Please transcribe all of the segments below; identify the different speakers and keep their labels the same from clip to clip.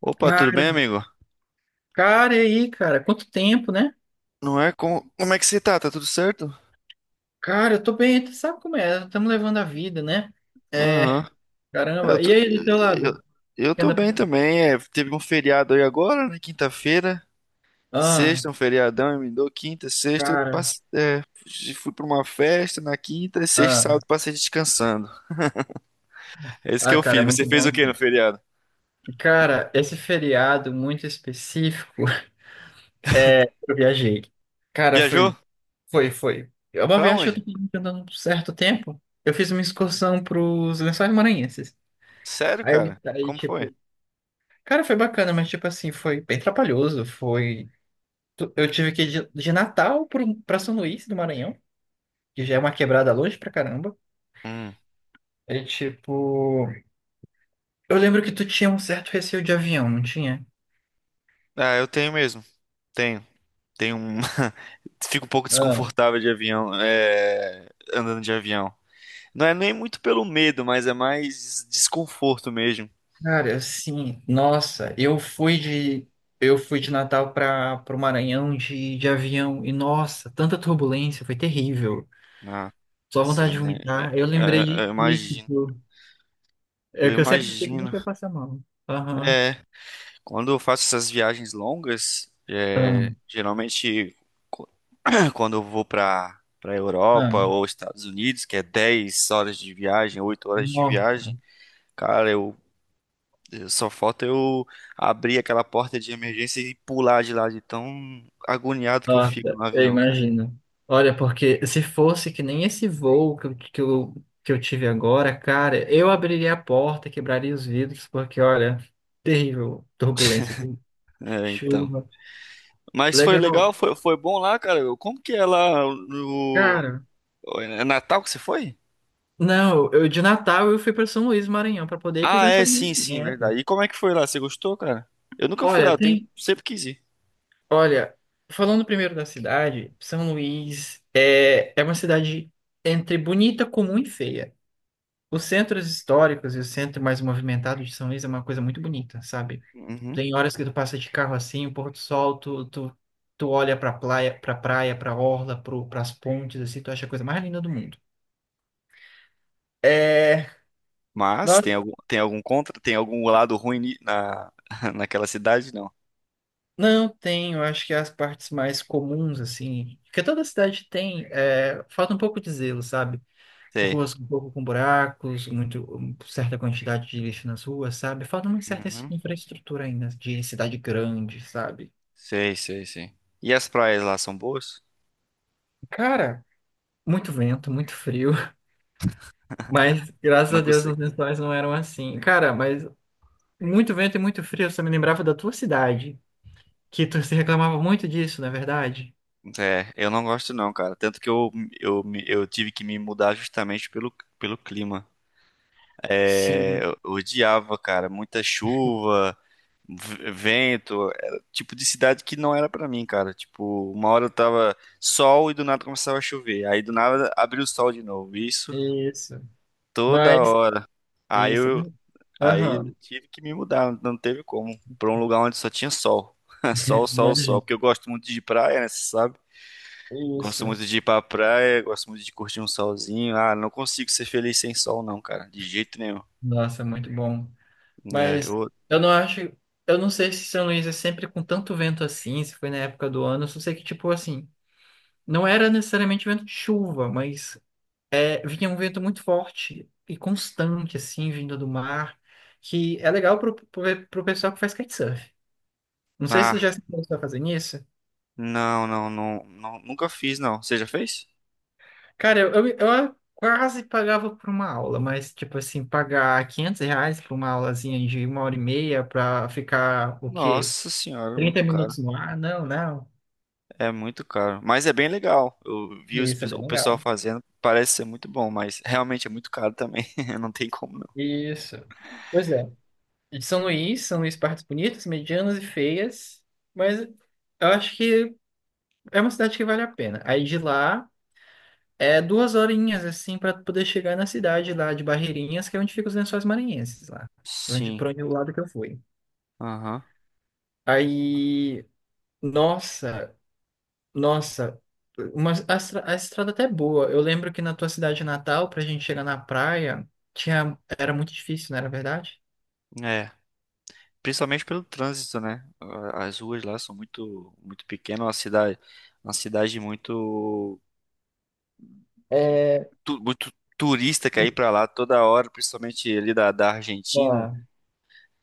Speaker 1: Opa, tudo
Speaker 2: Cara,
Speaker 1: bem, amigo?
Speaker 2: cara, e aí, cara? Quanto tempo, né?
Speaker 1: Não é? Como é que você tá? Tá tudo certo?
Speaker 2: Cara, eu tô bem, tu sabe como é? Estamos levando a vida, né? É,
Speaker 1: Aham. Eu
Speaker 2: caramba.
Speaker 1: tô...
Speaker 2: E aí, do teu lado?
Speaker 1: Eu... eu
Speaker 2: Que
Speaker 1: tô
Speaker 2: anda
Speaker 1: bem
Speaker 2: pensando?
Speaker 1: também. É, teve um feriado aí agora, na quinta-feira.
Speaker 2: Ah,
Speaker 1: Sexta, um feriadão, emendou quinta, sexta.
Speaker 2: cara.
Speaker 1: Fui pra uma festa na quinta, e sexta, e
Speaker 2: Ah,
Speaker 1: sábado passei descansando. É isso que
Speaker 2: ah,
Speaker 1: eu
Speaker 2: cara, é
Speaker 1: fiz. Você
Speaker 2: muito
Speaker 1: fez
Speaker 2: bom
Speaker 1: o que no
Speaker 2: isso.
Speaker 1: feriado?
Speaker 2: Cara, esse feriado muito específico, eu viajei. Cara,
Speaker 1: Viajou?
Speaker 2: foi. É uma
Speaker 1: Pra
Speaker 2: viagem que eu tô
Speaker 1: onde?
Speaker 2: planejando há um certo tempo. Eu fiz uma excursão pros Lençóis Maranhenses.
Speaker 1: Sério,
Speaker 2: Aí,
Speaker 1: cara?
Speaker 2: aí,
Speaker 1: Como foi?
Speaker 2: tipo, cara, foi bacana, mas, tipo assim, foi bem trabalhoso, foi Eu tive que ir de Natal pra São Luís do Maranhão, que já é uma quebrada longe pra caramba.
Speaker 1: Hum.
Speaker 2: É tipo. Eu lembro que tu tinha um certo receio de avião, não tinha?
Speaker 1: Ah, eu tenho mesmo. Tenho. Tenho um. Fico um pouco
Speaker 2: Ah,
Speaker 1: desconfortável de avião, andando de avião. Não é nem muito pelo medo, mas é mais desconforto mesmo.
Speaker 2: cara, assim, nossa, Eu fui de Natal para o Maranhão de avião e, nossa, tanta turbulência, foi terrível. Só vontade
Speaker 1: Nossa,
Speaker 2: de
Speaker 1: né?
Speaker 2: vomitar. Eu
Speaker 1: É,
Speaker 2: lembrei de
Speaker 1: é, eu
Speaker 2: que,
Speaker 1: imagino.
Speaker 2: tipo, é
Speaker 1: Eu
Speaker 2: que eu sempre achei que
Speaker 1: imagino.
Speaker 2: nunca ia passar mal. Aham.
Speaker 1: É, quando eu faço essas viagens longas,
Speaker 2: Ah,
Speaker 1: geralmente co- quando eu vou para Europa ou Estados Unidos, que é 10 horas de viagem, 8 horas de
Speaker 2: ah.
Speaker 1: viagem, cara, só falta eu abrir aquela porta de emergência e pular de lá de tão agoniado que eu fico
Speaker 2: Nossa,
Speaker 1: no
Speaker 2: eu
Speaker 1: avião, cara.
Speaker 2: imagino. Olha, porque se fosse que nem esse voo que eu tive agora, cara, eu abriria a porta, quebraria os vidros, porque, olha, terrível turbulência,
Speaker 1: É, então.
Speaker 2: chuva.
Speaker 1: Mas foi
Speaker 2: Legal.
Speaker 1: legal, foi bom lá, cara. Como que é lá no.
Speaker 2: Cara,
Speaker 1: É Natal que você foi?
Speaker 2: não, eu de Natal eu fui para São Luís, Maranhão, para poder ir para os
Speaker 1: Ah, é,
Speaker 2: Lençóis
Speaker 1: sim, sim,
Speaker 2: Maranhenses.
Speaker 1: verdade. E como é que foi lá? Você gostou, cara? Eu nunca fui lá,
Speaker 2: Olha, tem.
Speaker 1: sempre quis ir.
Speaker 2: Olha, falando primeiro da cidade, São Luís é uma cidade entre bonita, comum e feia. Os centros históricos e o centro mais movimentado de São Luís é uma coisa muito bonita, sabe?
Speaker 1: Uhum.
Speaker 2: Tem horas que tu passa de carro assim, o pôr do sol, tu olha pra praia, pra orla, pras pontes, assim, tu acha a coisa mais linda do mundo. É,
Speaker 1: Mas
Speaker 2: nós
Speaker 1: tem algum contra, tem algum lado ruim naquela cidade? Não.
Speaker 2: não tem, eu acho que as partes mais comuns, assim, porque toda cidade tem, é, falta um pouco de zelo, sabe?
Speaker 1: Sei.
Speaker 2: Ruas um pouco com buracos, muito, certa quantidade de lixo nas ruas, sabe? Falta uma certa
Speaker 1: Uhum.
Speaker 2: infraestrutura ainda de cidade grande, sabe?
Speaker 1: Sei, sei, sei. E as praias lá são boas?
Speaker 2: Cara, muito vento, muito frio. Mas graças
Speaker 1: Não
Speaker 2: a Deus os
Speaker 1: consigo.
Speaker 2: lençóis não eram assim. Cara, mas muito vento e muito frio, você me lembrava da tua cidade, que tu se reclamava muito disso, não é verdade?
Speaker 1: É, eu não gosto não, cara. Tanto que eu tive que me mudar justamente pelo clima. É,
Speaker 2: Sim,
Speaker 1: eu odiava, cara, muita chuva, vento, era o tipo de cidade que não era pra mim, cara. Tipo, uma hora eu tava sol e do nada começava a chover. Aí do nada abriu o sol de novo. Isso
Speaker 2: isso.
Speaker 1: toda
Speaker 2: Mas,
Speaker 1: hora. Aí
Speaker 2: isso.
Speaker 1: eu, aí
Speaker 2: Aham,
Speaker 1: eu tive que me mudar, não teve como, pra um lugar onde só tinha sol. Sol, sol, sol,
Speaker 2: imagina.
Speaker 1: porque eu gosto muito de praia, né, você sabe? Gosto
Speaker 2: Isso.
Speaker 1: muito de ir pra praia, gosto muito de curtir um solzinho. Ah, não consigo ser feliz sem sol, não, cara, de jeito nenhum.
Speaker 2: Nossa, muito bom.
Speaker 1: É,
Speaker 2: Mas eu não acho. Eu não sei se São Luís é sempre com tanto vento assim, se foi na época do ano. Eu só sei que, tipo, assim, não era necessariamente vento de chuva, mas é, vinha um vento muito forte e constante, assim, vindo do mar, que é legal pro pessoal que faz kitesurf. Não sei se você
Speaker 1: ah,
Speaker 2: já se começou a fazer isso.
Speaker 1: não, não, não, não, nunca fiz, não. Você já fez?
Speaker 2: Cara, eu quase pagava por uma aula, mas, tipo assim, pagar R$ 500 por uma aulazinha de uma hora e meia pra ficar, o quê?
Speaker 1: Nossa senhora, é
Speaker 2: trinta
Speaker 1: muito caro.
Speaker 2: minutos no ar? Não, não.
Speaker 1: É muito caro. Mas é bem legal. Eu vi
Speaker 2: Isso é bem
Speaker 1: o pessoal
Speaker 2: legal.
Speaker 1: fazendo, parece ser muito bom, mas realmente é muito caro também. Não tem como não.
Speaker 2: Isso. Pois é. E de São Luís, São Luís partes bonitas, medianas e feias, mas eu acho que é uma cidade que vale a pena. Aí de lá é duas horinhas assim para poder chegar na cidade lá de Barreirinhas, que é onde ficam os Lençóis Maranhenses lá, pra onde
Speaker 1: Sim,
Speaker 2: para onde o lado que eu fui.
Speaker 1: aham.
Speaker 2: Aí, nossa, nossa, a estrada até é boa. Eu lembro que na tua cidade natal, pra gente chegar na praia, tinha era muito difícil, não era verdade?
Speaker 1: É. Principalmente pelo trânsito, né? Ah, as ruas lá são muito, muito pequenas, uma cidade muito,
Speaker 2: É.
Speaker 1: muito turista que aí pra lá toda hora, principalmente ali da Argentina.
Speaker 2: Ufa.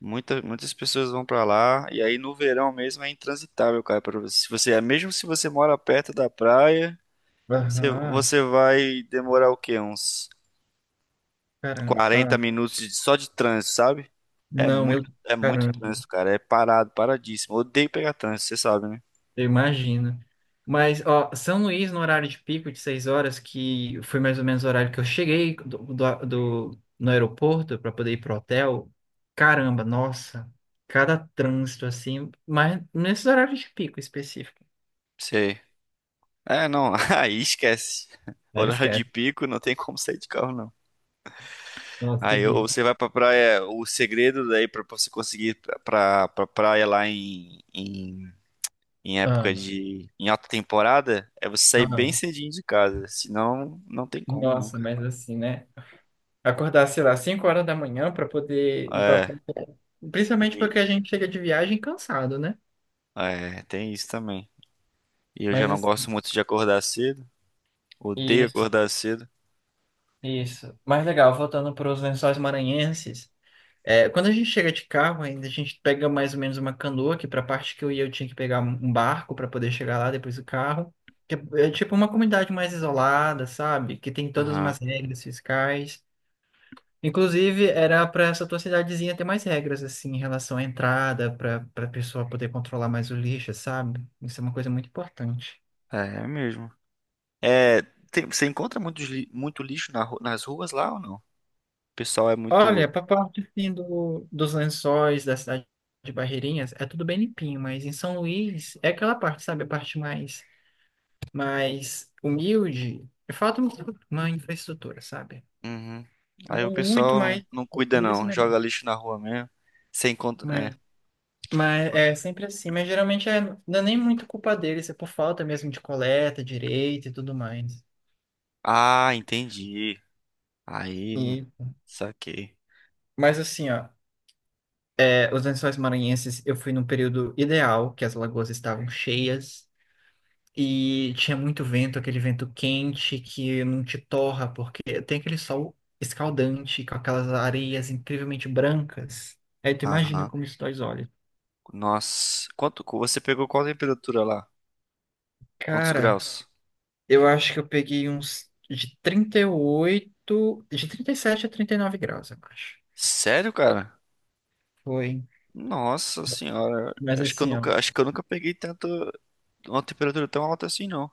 Speaker 1: Muitas pessoas vão pra lá e aí no verão mesmo é intransitável, cara, para você. Se você, mesmo se você mora perto da praia, você,
Speaker 2: Aham.
Speaker 1: você vai demorar o quê? Uns
Speaker 2: Caramba.
Speaker 1: 40 minutos só de trânsito, sabe? É
Speaker 2: Não, eu.
Speaker 1: muito, é muito
Speaker 2: Caramba.
Speaker 1: trânsito, cara. É parado, paradíssimo. Odeio pegar trânsito, você sabe, né?
Speaker 2: Eu imagino. Mas, ó, São Luís, no horário de pico de 6 horas, que foi mais ou menos o horário que eu cheguei no aeroporto para poder ir pro hotel, caramba, nossa, cada trânsito assim, mas nesses horários de pico específico,
Speaker 1: Sei. É, não, aí esquece.
Speaker 2: aí
Speaker 1: Horário de
Speaker 2: esquece.
Speaker 1: pico, não tem como sair de carro, não.
Speaker 2: Nossa,
Speaker 1: Aí
Speaker 2: terrível.
Speaker 1: ou você vai pra praia, o segredo daí pra você conseguir pra praia lá em, em época
Speaker 2: Ah,
Speaker 1: de, em alta temporada, é você sair
Speaker 2: ah,
Speaker 1: bem cedinho de casa. Senão, não tem como, não,
Speaker 2: nossa,
Speaker 1: cara.
Speaker 2: mas assim, né? Acordar, sei lá, 5 horas da manhã para poder ir para.
Speaker 1: É,
Speaker 2: Principalmente
Speaker 1: e-
Speaker 2: porque a gente chega de viagem cansado, né?
Speaker 1: tem isso também. E eu já
Speaker 2: Mas
Speaker 1: não gosto
Speaker 2: assim,
Speaker 1: muito de acordar cedo. Odeio
Speaker 2: isso.
Speaker 1: acordar cedo.
Speaker 2: Isso. Mas legal, voltando para os Lençóis Maranhenses. Quando a gente chega de carro, ainda a gente pega mais ou menos uma canoa, que para a parte que eu ia eu tinha que pegar um barco para poder chegar lá depois do carro. Que é tipo uma comunidade mais isolada, sabe? Que tem todas
Speaker 1: Aham.
Speaker 2: umas regras fiscais. Inclusive, era para essa tua cidadezinha ter mais regras, assim, em relação à entrada, para a pessoa poder controlar mais o lixo, sabe? Isso é uma coisa muito importante.
Speaker 1: É mesmo. É, você encontra muito lixo nas ruas lá ou não? O pessoal é muito.
Speaker 2: Olha, para a parte assim, dos lençóis da cidade de Barreirinhas, é tudo bem limpinho, mas em São Luís é aquela parte, sabe? A parte mais humilde. Falta uma infraestrutura, sabe?
Speaker 1: Uhum. Aí o
Speaker 2: Não muito,
Speaker 1: pessoal
Speaker 2: mas
Speaker 1: não, não cuida,
Speaker 2: poderia ser
Speaker 1: não.
Speaker 2: melhor.
Speaker 1: Joga lixo na rua mesmo. Você encontra.
Speaker 2: Mas,
Speaker 1: É.
Speaker 2: mas é sempre assim. Mas geralmente é, não é nem muito culpa deles, é por falta mesmo de coleta, direito e tudo mais.
Speaker 1: Ah, entendi. Aí,
Speaker 2: E,
Speaker 1: saquei.
Speaker 2: mas assim, ó, os lençóis maranhenses, eu fui num período ideal, que as lagoas estavam cheias. E tinha muito vento, aquele vento quente que não te torra, porque tem aquele sol escaldante com aquelas areias incrivelmente brancas. Aí tu imagina
Speaker 1: Aham.
Speaker 2: como isso dói os olhos.
Speaker 1: Nossa, quanto você pegou qual temperatura lá? Quantos
Speaker 2: Cara,
Speaker 1: graus?
Speaker 2: eu acho que eu peguei uns de 37 a 39 graus, eu acho.
Speaker 1: Sério, cara?
Speaker 2: Foi.
Speaker 1: Nossa senhora,
Speaker 2: Mas
Speaker 1: acho que eu
Speaker 2: assim, ó,
Speaker 1: nunca, acho que eu nunca peguei tanto uma temperatura tão alta assim, não.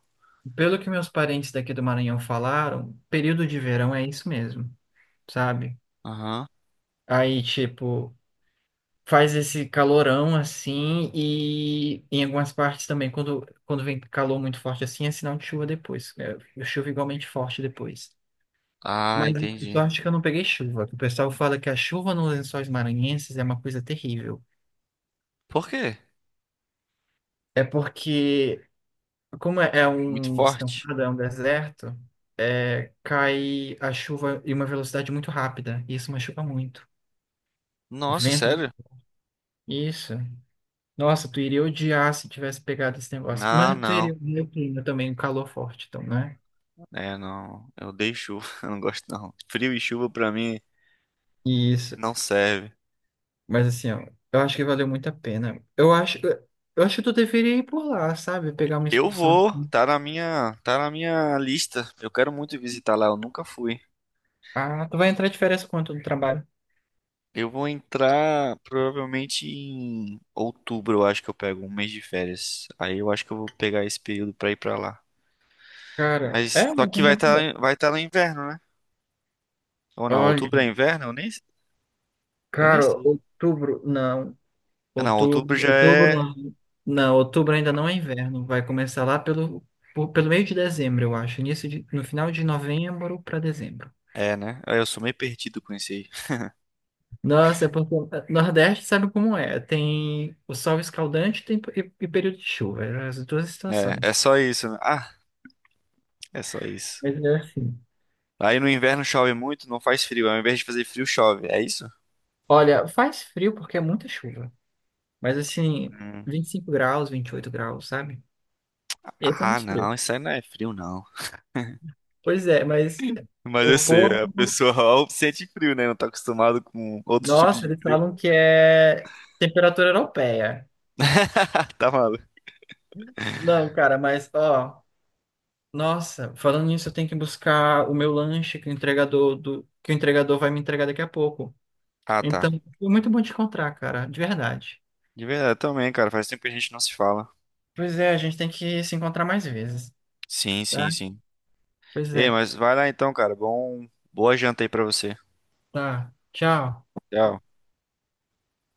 Speaker 2: pelo que meus parentes daqui do Maranhão falaram, período de verão é isso mesmo, sabe?
Speaker 1: Aham.
Speaker 2: Aí, tipo, faz esse calorão assim e em algumas partes também quando vem calor muito forte assim é sinal de chuva depois é, chuva igualmente forte depois
Speaker 1: Ah,
Speaker 2: mas eu
Speaker 1: entendi.
Speaker 2: só acho que eu não peguei chuva que o pessoal fala que a chuva nos Lençóis Maranhenses é uma coisa terrível
Speaker 1: Por quê?
Speaker 2: é porque como é
Speaker 1: Muito
Speaker 2: um
Speaker 1: forte.
Speaker 2: descampado é um deserto é, cai a chuva em uma velocidade muito rápida e isso machuca muito
Speaker 1: Nossa,
Speaker 2: vento
Speaker 1: sério?
Speaker 2: isso. Nossa, tu iria odiar se tivesse pegado esse negócio.
Speaker 1: Ah,
Speaker 2: Mas tu
Speaker 1: não.
Speaker 2: iria ver o clima também, o calor forte, então, né?
Speaker 1: É, não. Eu odeio chuva, eu não gosto não. Frio e chuva pra mim
Speaker 2: Isso.
Speaker 1: não serve.
Speaker 2: Mas assim, ó, eu acho que valeu muito a pena. Eu acho que tu deveria ir por lá, sabe? Pegar uma
Speaker 1: Eu
Speaker 2: excursão.
Speaker 1: vou, tá na minha lista. Eu quero muito visitar lá, eu nunca fui.
Speaker 2: Ah, tu vai entrar de férias quanto no trabalho?
Speaker 1: Eu vou entrar provavelmente em outubro, eu acho que eu pego um mês de férias. Aí eu acho que eu vou pegar esse período pra ir pra lá.
Speaker 2: Cara,
Speaker 1: Mas
Speaker 2: é
Speaker 1: só
Speaker 2: um
Speaker 1: que vai
Speaker 2: tempo bom.
Speaker 1: estar vai tá no inverno, né? Ou não,
Speaker 2: Olha,
Speaker 1: outubro é inverno? Eu nem
Speaker 2: cara,
Speaker 1: sei.
Speaker 2: outubro, não.
Speaker 1: Não, outubro já
Speaker 2: Outubro
Speaker 1: é.
Speaker 2: não. Não, outubro ainda não é inverno. Vai começar lá pelo meio de dezembro, eu acho. Início de, no final de novembro para dezembro.
Speaker 1: É, né? Aí eu sou meio perdido com isso aí.
Speaker 2: Nossa, é porque o Nordeste sabe como é. Tem o sol escaldante e período de chuva. Eram as duas
Speaker 1: É,
Speaker 2: situações.
Speaker 1: é só isso, né? Ah, é só isso.
Speaker 2: Mas é assim.
Speaker 1: Aí no inverno chove muito, não faz frio. Ao invés de fazer frio, chove. É isso?
Speaker 2: Olha, faz frio porque é muita chuva. Mas assim,
Speaker 1: Hum.
Speaker 2: 25 graus, 28 graus, sabe? Esse é
Speaker 1: Ah,
Speaker 2: muito frio.
Speaker 1: não, isso aí não é frio, não.
Speaker 2: Pois é, mas
Speaker 1: Mas eu
Speaker 2: o
Speaker 1: sei,
Speaker 2: povo,
Speaker 1: a pessoa ó, sente frio, né? Não tá acostumado com outros tipos
Speaker 2: nossa,
Speaker 1: de
Speaker 2: eles
Speaker 1: frio.
Speaker 2: falam que é temperatura europeia.
Speaker 1: Tá maluco.
Speaker 2: Não, cara, mas ó, nossa, falando nisso, eu tenho que buscar o meu lanche que o entregador vai me entregar daqui a pouco.
Speaker 1: Ah, tá.
Speaker 2: Então, foi muito bom te encontrar, cara, de verdade.
Speaker 1: De verdade, também, cara. Faz tempo que a gente não se fala.
Speaker 2: Pois é, a gente tem que se encontrar mais vezes,
Speaker 1: Sim,
Speaker 2: tá?
Speaker 1: sim, sim.
Speaker 2: Pois
Speaker 1: Ei,
Speaker 2: é,
Speaker 1: mas vai lá então, cara. Bom, boa janta aí pra você.
Speaker 2: tá. Tchau.
Speaker 1: Tchau.